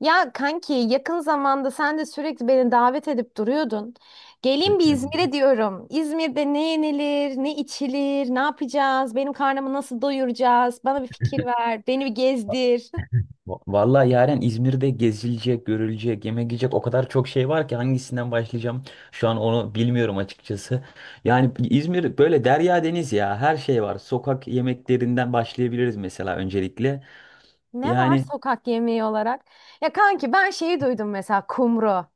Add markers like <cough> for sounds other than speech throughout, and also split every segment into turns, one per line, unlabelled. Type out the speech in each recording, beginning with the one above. Ya kanki yakın zamanda sen de sürekli beni davet edip duruyordun. Gelin bir
Yani
İzmir'e diyorum. İzmir'de ne yenilir, ne içilir, ne yapacağız, benim karnımı nasıl doyuracağız? Bana bir fikir ver, beni bir
va-
gezdir. <laughs>
Vallahi yaren İzmir'de gezilecek, görülecek, yemek yiyecek o kadar çok şey var ki hangisinden başlayacağım şu an onu bilmiyorum açıkçası. Yani İzmir böyle derya deniz ya, her şey var. Sokak yemeklerinden başlayabiliriz mesela öncelikle.
Ne var
Yani
sokak yemeği olarak? Ya kanki ben şeyi duydum mesela kumru.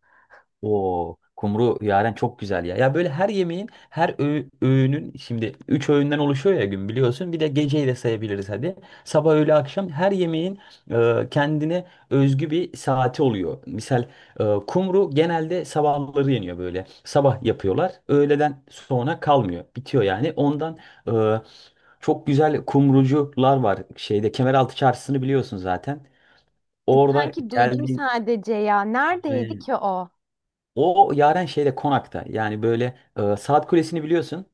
o kumru yaren çok güzel ya. Ya böyle her yemeğin, her öğünün şimdi 3 öğünden oluşuyor ya gün biliyorsun. Bir de geceyi de sayabiliriz hadi. Sabah, öğle, akşam her yemeğin kendine özgü bir saati oluyor. Misal kumru genelde sabahları yeniyor böyle. Sabah yapıyorlar. Öğleden sonra kalmıyor. Bitiyor yani. Ondan e, çok güzel kumrucular var. Şeyde Kemeraltı Çarşısı'nı biliyorsun zaten. Orada
Kanki duydum
geldiğin
sadece ya. Neredeydi ki o?
o Yaren şeyde konakta. Yani böyle saat kulesini biliyorsun.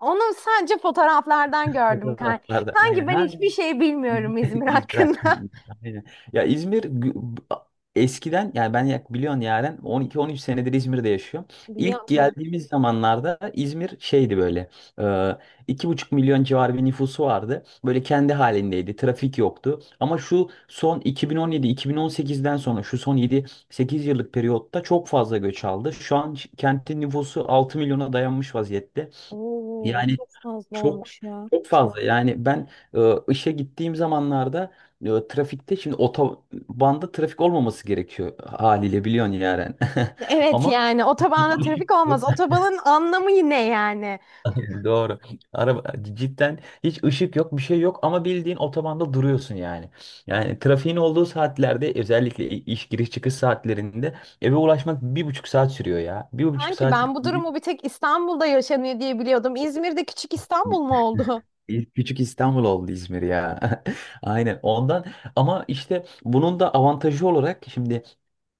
Onu sadece fotoğraflardan gördüm
Fotoğraf.
kanki. Kanki
Aynen.
ben
Ha,
hiçbir şey
<laughs>
bilmiyorum İzmir
İzmir
hakkında.
hakkında. Aynen. Ya İzmir eskiden yani ben biliyorsun yani 12-13 senedir İzmir'de yaşıyorum.
<laughs>
İlk
Biliyorum kanki.
geldiğimiz zamanlarda İzmir şeydi böyle e, iki buçuk milyon civarı bir nüfusu vardı. Böyle kendi halindeydi. Trafik yoktu. Ama şu son 2017-2018'den sonra şu son yedi sekiz yıllık periyotta çok fazla göç aldı. Şu an kentin nüfusu 6 milyona dayanmış vaziyette.
Oo,
Yani
çok fazla
çok
olmuş ya.
çok fazla. Yani ben işe gittiğim zamanlarda trafikte şimdi otobanda trafik olmaması gerekiyor haliyle biliyorsun yani. <laughs>
Evet
Ama
yani otobanda
ışık
trafik
yok.
olmaz. Otobanın anlamı ne yani?
<laughs> Doğru. Araba cidden hiç ışık yok, bir şey yok ama bildiğin otobanda duruyorsun yani. Yani trafiğin olduğu saatlerde özellikle iş giriş çıkış saatlerinde eve ulaşmak bir buçuk saat sürüyor ya. Bir buçuk
Sanki
saat.
ben bu durumu bir tek İstanbul'da yaşanıyor diye biliyordum. İzmir'de küçük İstanbul mu oldu? <laughs>
İlk küçük İstanbul oldu İzmir ya. <laughs> Aynen ondan ama işte bunun da avantajı olarak şimdi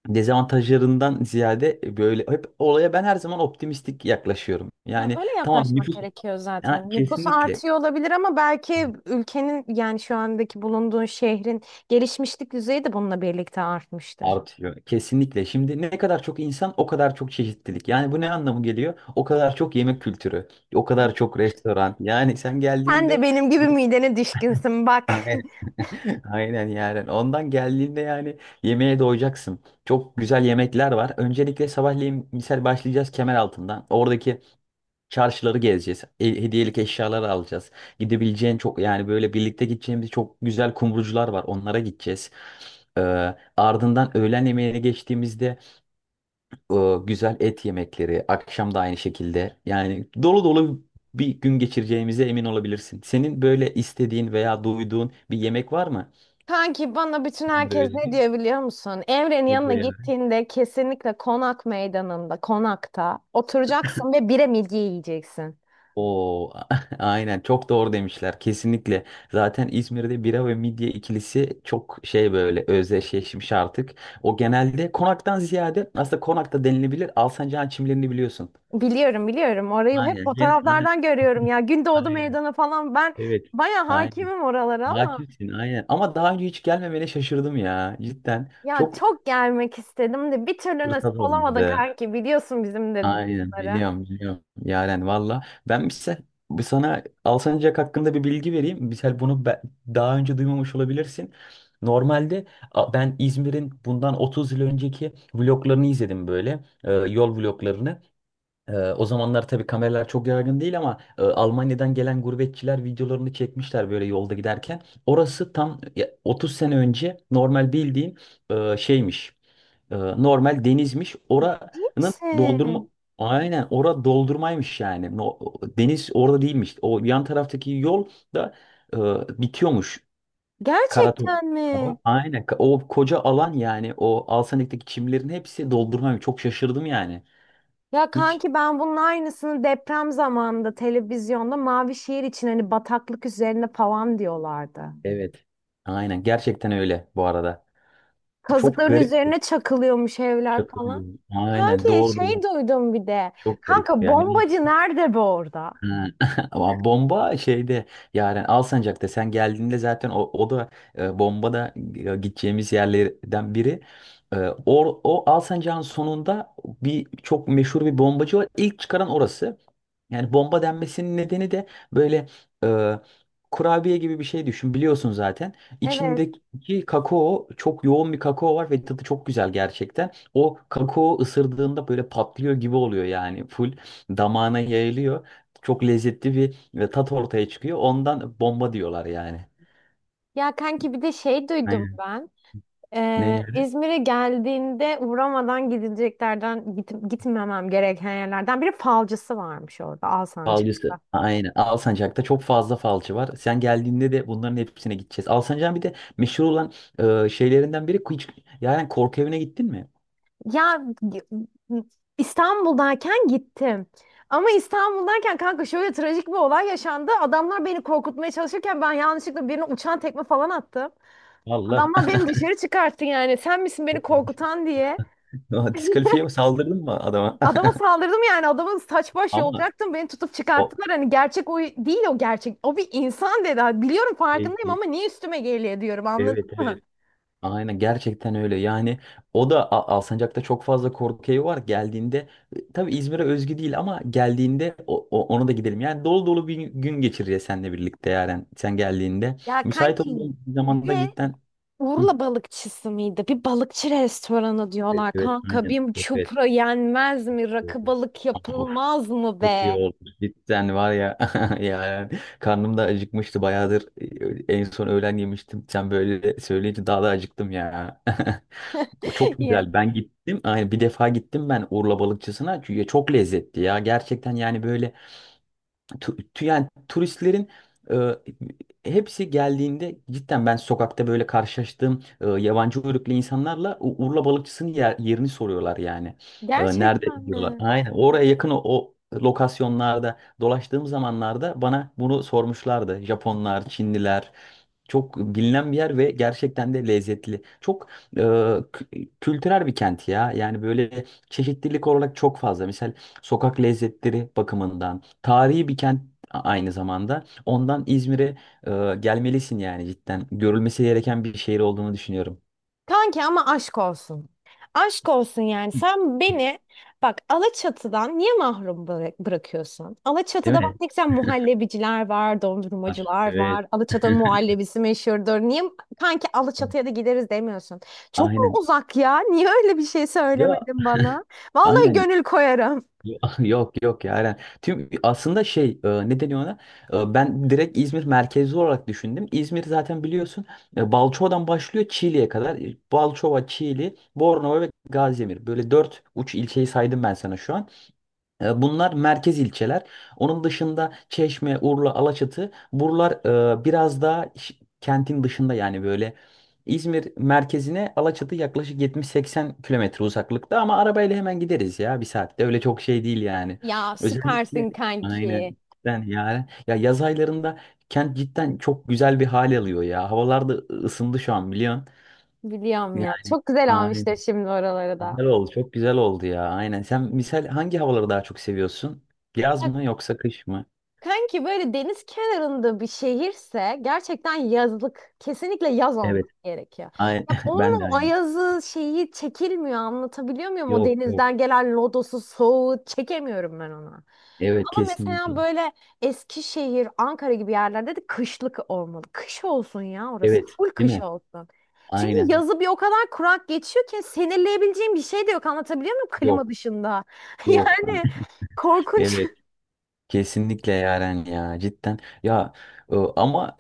dezavantajlarından ziyade böyle hep olaya ben her zaman optimistik yaklaşıyorum.
Ya
Yani
öyle
tamam,
yaklaşmak
nüfus
gerekiyor
ha,
zaten. Nüfus
kesinlikle
artıyor olabilir ama belki ülkenin yani şu andaki bulunduğun şehrin gelişmişlik düzeyi de bununla birlikte artmıştır.
artıyor. Kesinlikle. Şimdi ne kadar çok insan, o kadar çok çeşitlilik. Yani bu ne anlamı geliyor? O kadar çok yemek kültürü, o kadar çok restoran. Yani sen
Sen de
geldiğinde
benim gibi midene düşkünsün
<laughs>
bak. <laughs>
<laughs> aynen yani. Ondan geldiğinde yani yemeğe doyacaksın. Çok güzel yemekler var. Öncelikle sabahleyin misal başlayacağız Kemeraltı'ndan. Oradaki çarşıları gezeceğiz. Hediyelik eşyalar alacağız. Gidebileceğin çok yani böyle birlikte gideceğimiz çok güzel kumrucular var. Onlara gideceğiz. Ee, Ardından öğlen yemeğine geçtiğimizde e, güzel et yemekleri. Akşam da aynı şekilde. Yani dolu dolu bir gün geçireceğimize emin olabilirsin. Senin böyle istediğin veya duyduğun bir yemek var mı?
Kanki bana bütün
İzmir
herkes ne
Özgü.
diyor biliyor musun? Emre'nin
Ne
yanına
diyor ya?
gittiğinde kesinlikle konak meydanında, konakta oturacaksın ve bire midye yiyeceksin.
Oo, <laughs> aynen çok doğru demişler kesinlikle. Zaten İzmir'de bira ve midye ikilisi çok şey böyle özdeşleşmiş artık. O genelde konaktan ziyade aslında konakta denilebilir, Alsancak'ın çimlerini biliyorsun.
Biliyorum, biliyorum. Orayı hep
Aynen. Gene, aynen.
fotoğraflardan görüyorum
<laughs>
ya. Gündoğdu
Aynen.
Meydanı falan ben
Evet.
baya
Aynen.
hakimim oralara ama
Hakimsin aynen. Ama daha önce hiç gelmemene şaşırdım ya. Cidden
ya
çok
çok gelmek istedim de bir türlü
fırsat
nasip olamadı
olmadı.
kanki. Biliyorsun bizim de
Aynen
durumları.
biliyorum biliyorum. Yaren valla. Ben ise bir sana Alsancak hakkında bir bilgi vereyim. Mesela bunu daha önce duymamış olabilirsin. Normalde ben İzmir'in bundan 30 yıl önceki vloglarını izledim böyle. Yol vloglarını. O zamanlar tabii kameralar çok yaygın değil, ama Almanya'dan gelen gurbetçiler videolarını çekmişler böyle yolda giderken. Orası tam ya, 30 sene önce normal bildiğin şeymiş. Normal denizmiş.
Değil
Oranın doldurma.
misin?
Aynen, ora doldurmaymış yani. Deniz orada değilmiş. O yan taraftaki yol da e, bitiyormuş. Karatok.
Gerçekten mi?
Aynen. O koca alan yani, o Alsanik'teki çimlerin hepsi doldurmaymış. Çok şaşırdım yani.
Ya
Hiç.
kanki ben bunun aynısını deprem zamanında televizyonda mavi şehir için hani bataklık üzerine falan diyorlardı.
Evet. Aynen. Gerçekten öyle bu arada. Çok
Kazıkların
garip.
üzerine çakılıyormuş evler
Şaka
falan.
diyorum. Aynen.
Kanki
Doğru doğru.
şey duydum bir de.
Çok garip
Kanka
yani.
bombacı nerede be orada?
Ha, <laughs> ama bomba şeyde yani Alsancak'ta sen geldiğinde zaten o da bomba da gideceğimiz yerlerden biri. E, o Alsancak'ın sonunda bir, çok meşhur bir bombacı var. İlk çıkaran orası. Yani bomba denmesinin nedeni de böyle e, kurabiye gibi bir şey düşün, biliyorsun zaten.
Evet.
İçindeki kakao çok yoğun bir kakao var ve tadı çok güzel gerçekten. O kakao ısırdığında böyle patlıyor gibi oluyor yani full damağına yayılıyor. Çok lezzetli bir ve tat ortaya çıkıyor. Ondan bomba diyorlar yani.
Ya kanki bir de şey duydum
Aynen.
ben.
Ne yani?
İzmir'e geldiğinde uğramadan gidileceklerden gitmemem gereken yerlerden biri falcısı varmış orada Alsancak.
Falcısı. Aynen. Alsancak'ta çok fazla falcı var. Sen geldiğinde de bunların hepsine gideceğiz. Alsancak'ın bir de meşhur olan şeylerinden biri hiç, yani korku evine gittin mi?
Ya İstanbul'dayken gittim. Ama İstanbul'dayken kanka şöyle trajik bir olay yaşandı. Adamlar beni korkutmaya çalışırken ben yanlışlıkla birine uçan tekme falan attım.
Valla.
Adamlar beni dışarı çıkarttı yani. Sen misin beni korkutan diye.
<laughs> Diskalifiye
<laughs>
mi, saldırdın mı adama?
Adama saldırdım yani. Adamın saç
<laughs>
baş
Ama
yolacaktım. Beni tutup
o
çıkarttılar. Hani gerçek o değil, o gerçek. O bir insan dedi. Ha, biliyorum,
e,
farkındayım
e,
ama niye üstüme geliyor diyorum, anladın
evet
mı?
evet. Aynen gerçekten öyle. Yani o da Alsancak'ta çok fazla korku evi var. Geldiğinde tabii İzmir'e özgü değil ama geldiğinde ona da gidelim. Yani dolu dolu bir gün geçireceğiz seninle birlikte yani sen geldiğinde.
Ya
Müsait
kanki
olduğun bir zamanda
Ve
cidden. Hı.
Urla balıkçısı mıydı? Bir balıkçı restoranı
Evet,
diyorlar
evet,
kanka.
aynen.
Bir
Evet,
çupra yenmez mi?
evet.
Rakı balık
Of,
yapılmaz mı
çok iyi
be?
oldu. Cidden var ya, <laughs> yani karnım da acıkmıştı bayağıdır. En son öğlen yemiştim. Sen böyle söyleyince daha da acıktım ya. <laughs> O
<laughs>
çok
Ya,
güzel. Ben gittim. Aynen, bir defa gittim ben Urla balıkçısına. Çünkü çok lezzetli ya. Gerçekten yani böyle yani turistlerin e, hepsi geldiğinde cidden ben sokakta böyle karşılaştığım yabancı uyruklu insanlarla Urla balıkçısının yerini soruyorlar yani.
Gerçekten
Nerede diyorlar.
mi?
Aynen, oraya yakın o lokasyonlarda dolaştığım zamanlarda bana bunu sormuşlardı. Japonlar, Çinliler. Çok bilinen bir yer ve gerçekten de lezzetli. Çok kültürel bir kent ya. Yani böyle çeşitlilik olarak çok fazla. Mesela sokak lezzetleri bakımından tarihi bir kent aynı zamanda. Ondan İzmir'e gelmelisin yani cidden. Görülmesi gereken bir şehir olduğunu düşünüyorum.
Kanki ama aşk olsun. Aşk olsun yani. Sen beni bak Alaçatı'dan niye mahrum bırakıyorsun?
Değil
Alaçatı'da bak
mi?
ne güzel muhallebiciler var,
Var.
dondurmacılar
Evet.
var. Alaçatı'nın
<laughs>
muhallebisi meşhurdur. Niye kanki Alaçatı'ya da gideriz demiyorsun? Çok mu
Aynen.
uzak ya? Niye öyle bir şey
Ya
söylemedin bana? Vallahi
aynen.
gönül koyarım.
<laughs> Yok yok ya aynen. Tüm aslında şey ne deniyor ona? Ben direkt İzmir merkezli olarak düşündüm. İzmir zaten biliyorsun Balçova'dan başlıyor Çiğli'ye kadar. E, Balçova, Çiğli, Bornova ve Gaziemir. Böyle dört uç ilçeyi saydım ben sana şu an. E, bunlar merkez ilçeler. Onun dışında Çeşme, Urla, Alaçatı, buralar biraz daha kentin dışında yani böyle. İzmir merkezine Alaçatı yaklaşık 70-80 kilometre uzaklıkta ama arabayla hemen gideriz ya, bir saatte, öyle çok şey değil yani.
Ya
Özellikle
süpersin
aynen,
kanki.
ben yani ya yaz aylarında kent cidden çok güzel bir hal alıyor ya. Havalar da ısındı şu an biliyorsun.
Biliyorum ya.
Yani
Çok güzel
aynen.
almışlar şimdi oraları da.
Güzel oldu. Çok güzel oldu ya. Aynen. Sen misal hangi havaları daha çok seviyorsun? Yaz mı yoksa kış mı?
Kanki böyle deniz kenarında bir şehirse gerçekten yazlık, kesinlikle yaz olması
Evet.
gerekiyor.
Aynen.
Ya
<laughs> Ben
onun
de
o
aynı.
ayazı şeyi çekilmiyor, anlatabiliyor muyum? O
Yok yok.
denizden gelen lodosu, soğuğu çekemiyorum ben ona.
Evet,
Ama mesela
kesinlikle.
böyle Eskişehir, Ankara gibi yerlerde de kışlık olmalı. Kış olsun ya orası.
Evet.
Full
Değil
kış
mi?
olsun. Çünkü
Aynen.
yazı bir o kadar kurak geçiyor ki sinirleyebileceğim bir şey de yok, anlatabiliyor muyum, klima
Yok.
dışında? <laughs>
Yok.
Yani
<laughs>
korkunç.
Evet. Kesinlikle Yaren ya cidden ya, ama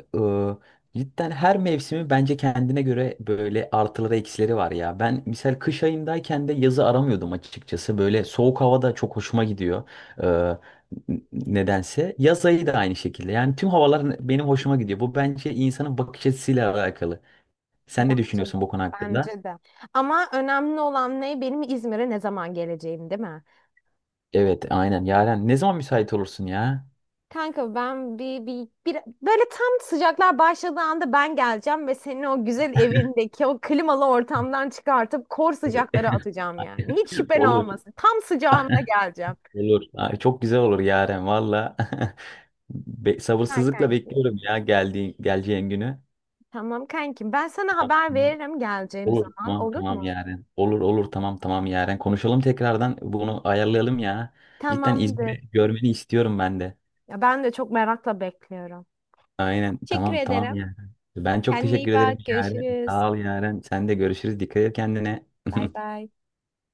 cidden her mevsimi bence kendine göre böyle artıları eksileri var ya. Ben misal kış ayındayken de yazı aramıyordum açıkçası. Böyle soğuk havada çok hoşuma gidiyor. E, Nedense yaz ayı da aynı şekilde. Yani tüm havalar benim hoşuma gidiyor. Bu bence insanın bakış açısıyla alakalı. Sen ne
Bence de.
düşünüyorsun bu konu hakkında?
Bence de. Ama önemli olan ne? Benim İzmir'e ne zaman geleceğim, değil mi?
Evet aynen Yaren, ne zaman müsait olursun ya?
Kanka ben bir böyle tam sıcaklar başladığı anda ben geleceğim ve seni o güzel evindeki o klimalı ortamdan çıkartıp kor sıcaklara
<laughs>
atacağım yani. Hiç şüphen
Olur
olmasın. Tam sıcağında geleceğim.
olur. Ay, çok güzel olur Yaren valla. <laughs>
Süper
Sabırsızlıkla
kanki.
bekliyorum ya geldiği geleceğin günü.
Tamam kankim. Ben sana
Tamam,
haber
tamam.
veririm geleceğim
Olur,
zaman.
tamam
Olur
tamam
mu?
yarın. Olur olur, tamam tamam yarın. Konuşalım, tekrardan bunu ayarlayalım ya. Cidden
Tamamdır.
İzmir'i görmeni istiyorum ben de.
Ya ben de çok merakla bekliyorum.
Aynen,
Teşekkür
tamam tamam
ederim.
yarın. Ben çok
Kendine iyi
teşekkür ederim
bak.
yarın.
Görüşürüz.
Sağ ol yarın. Sen de görüşürüz. Dikkat et kendine.
Bay
<laughs>
bay.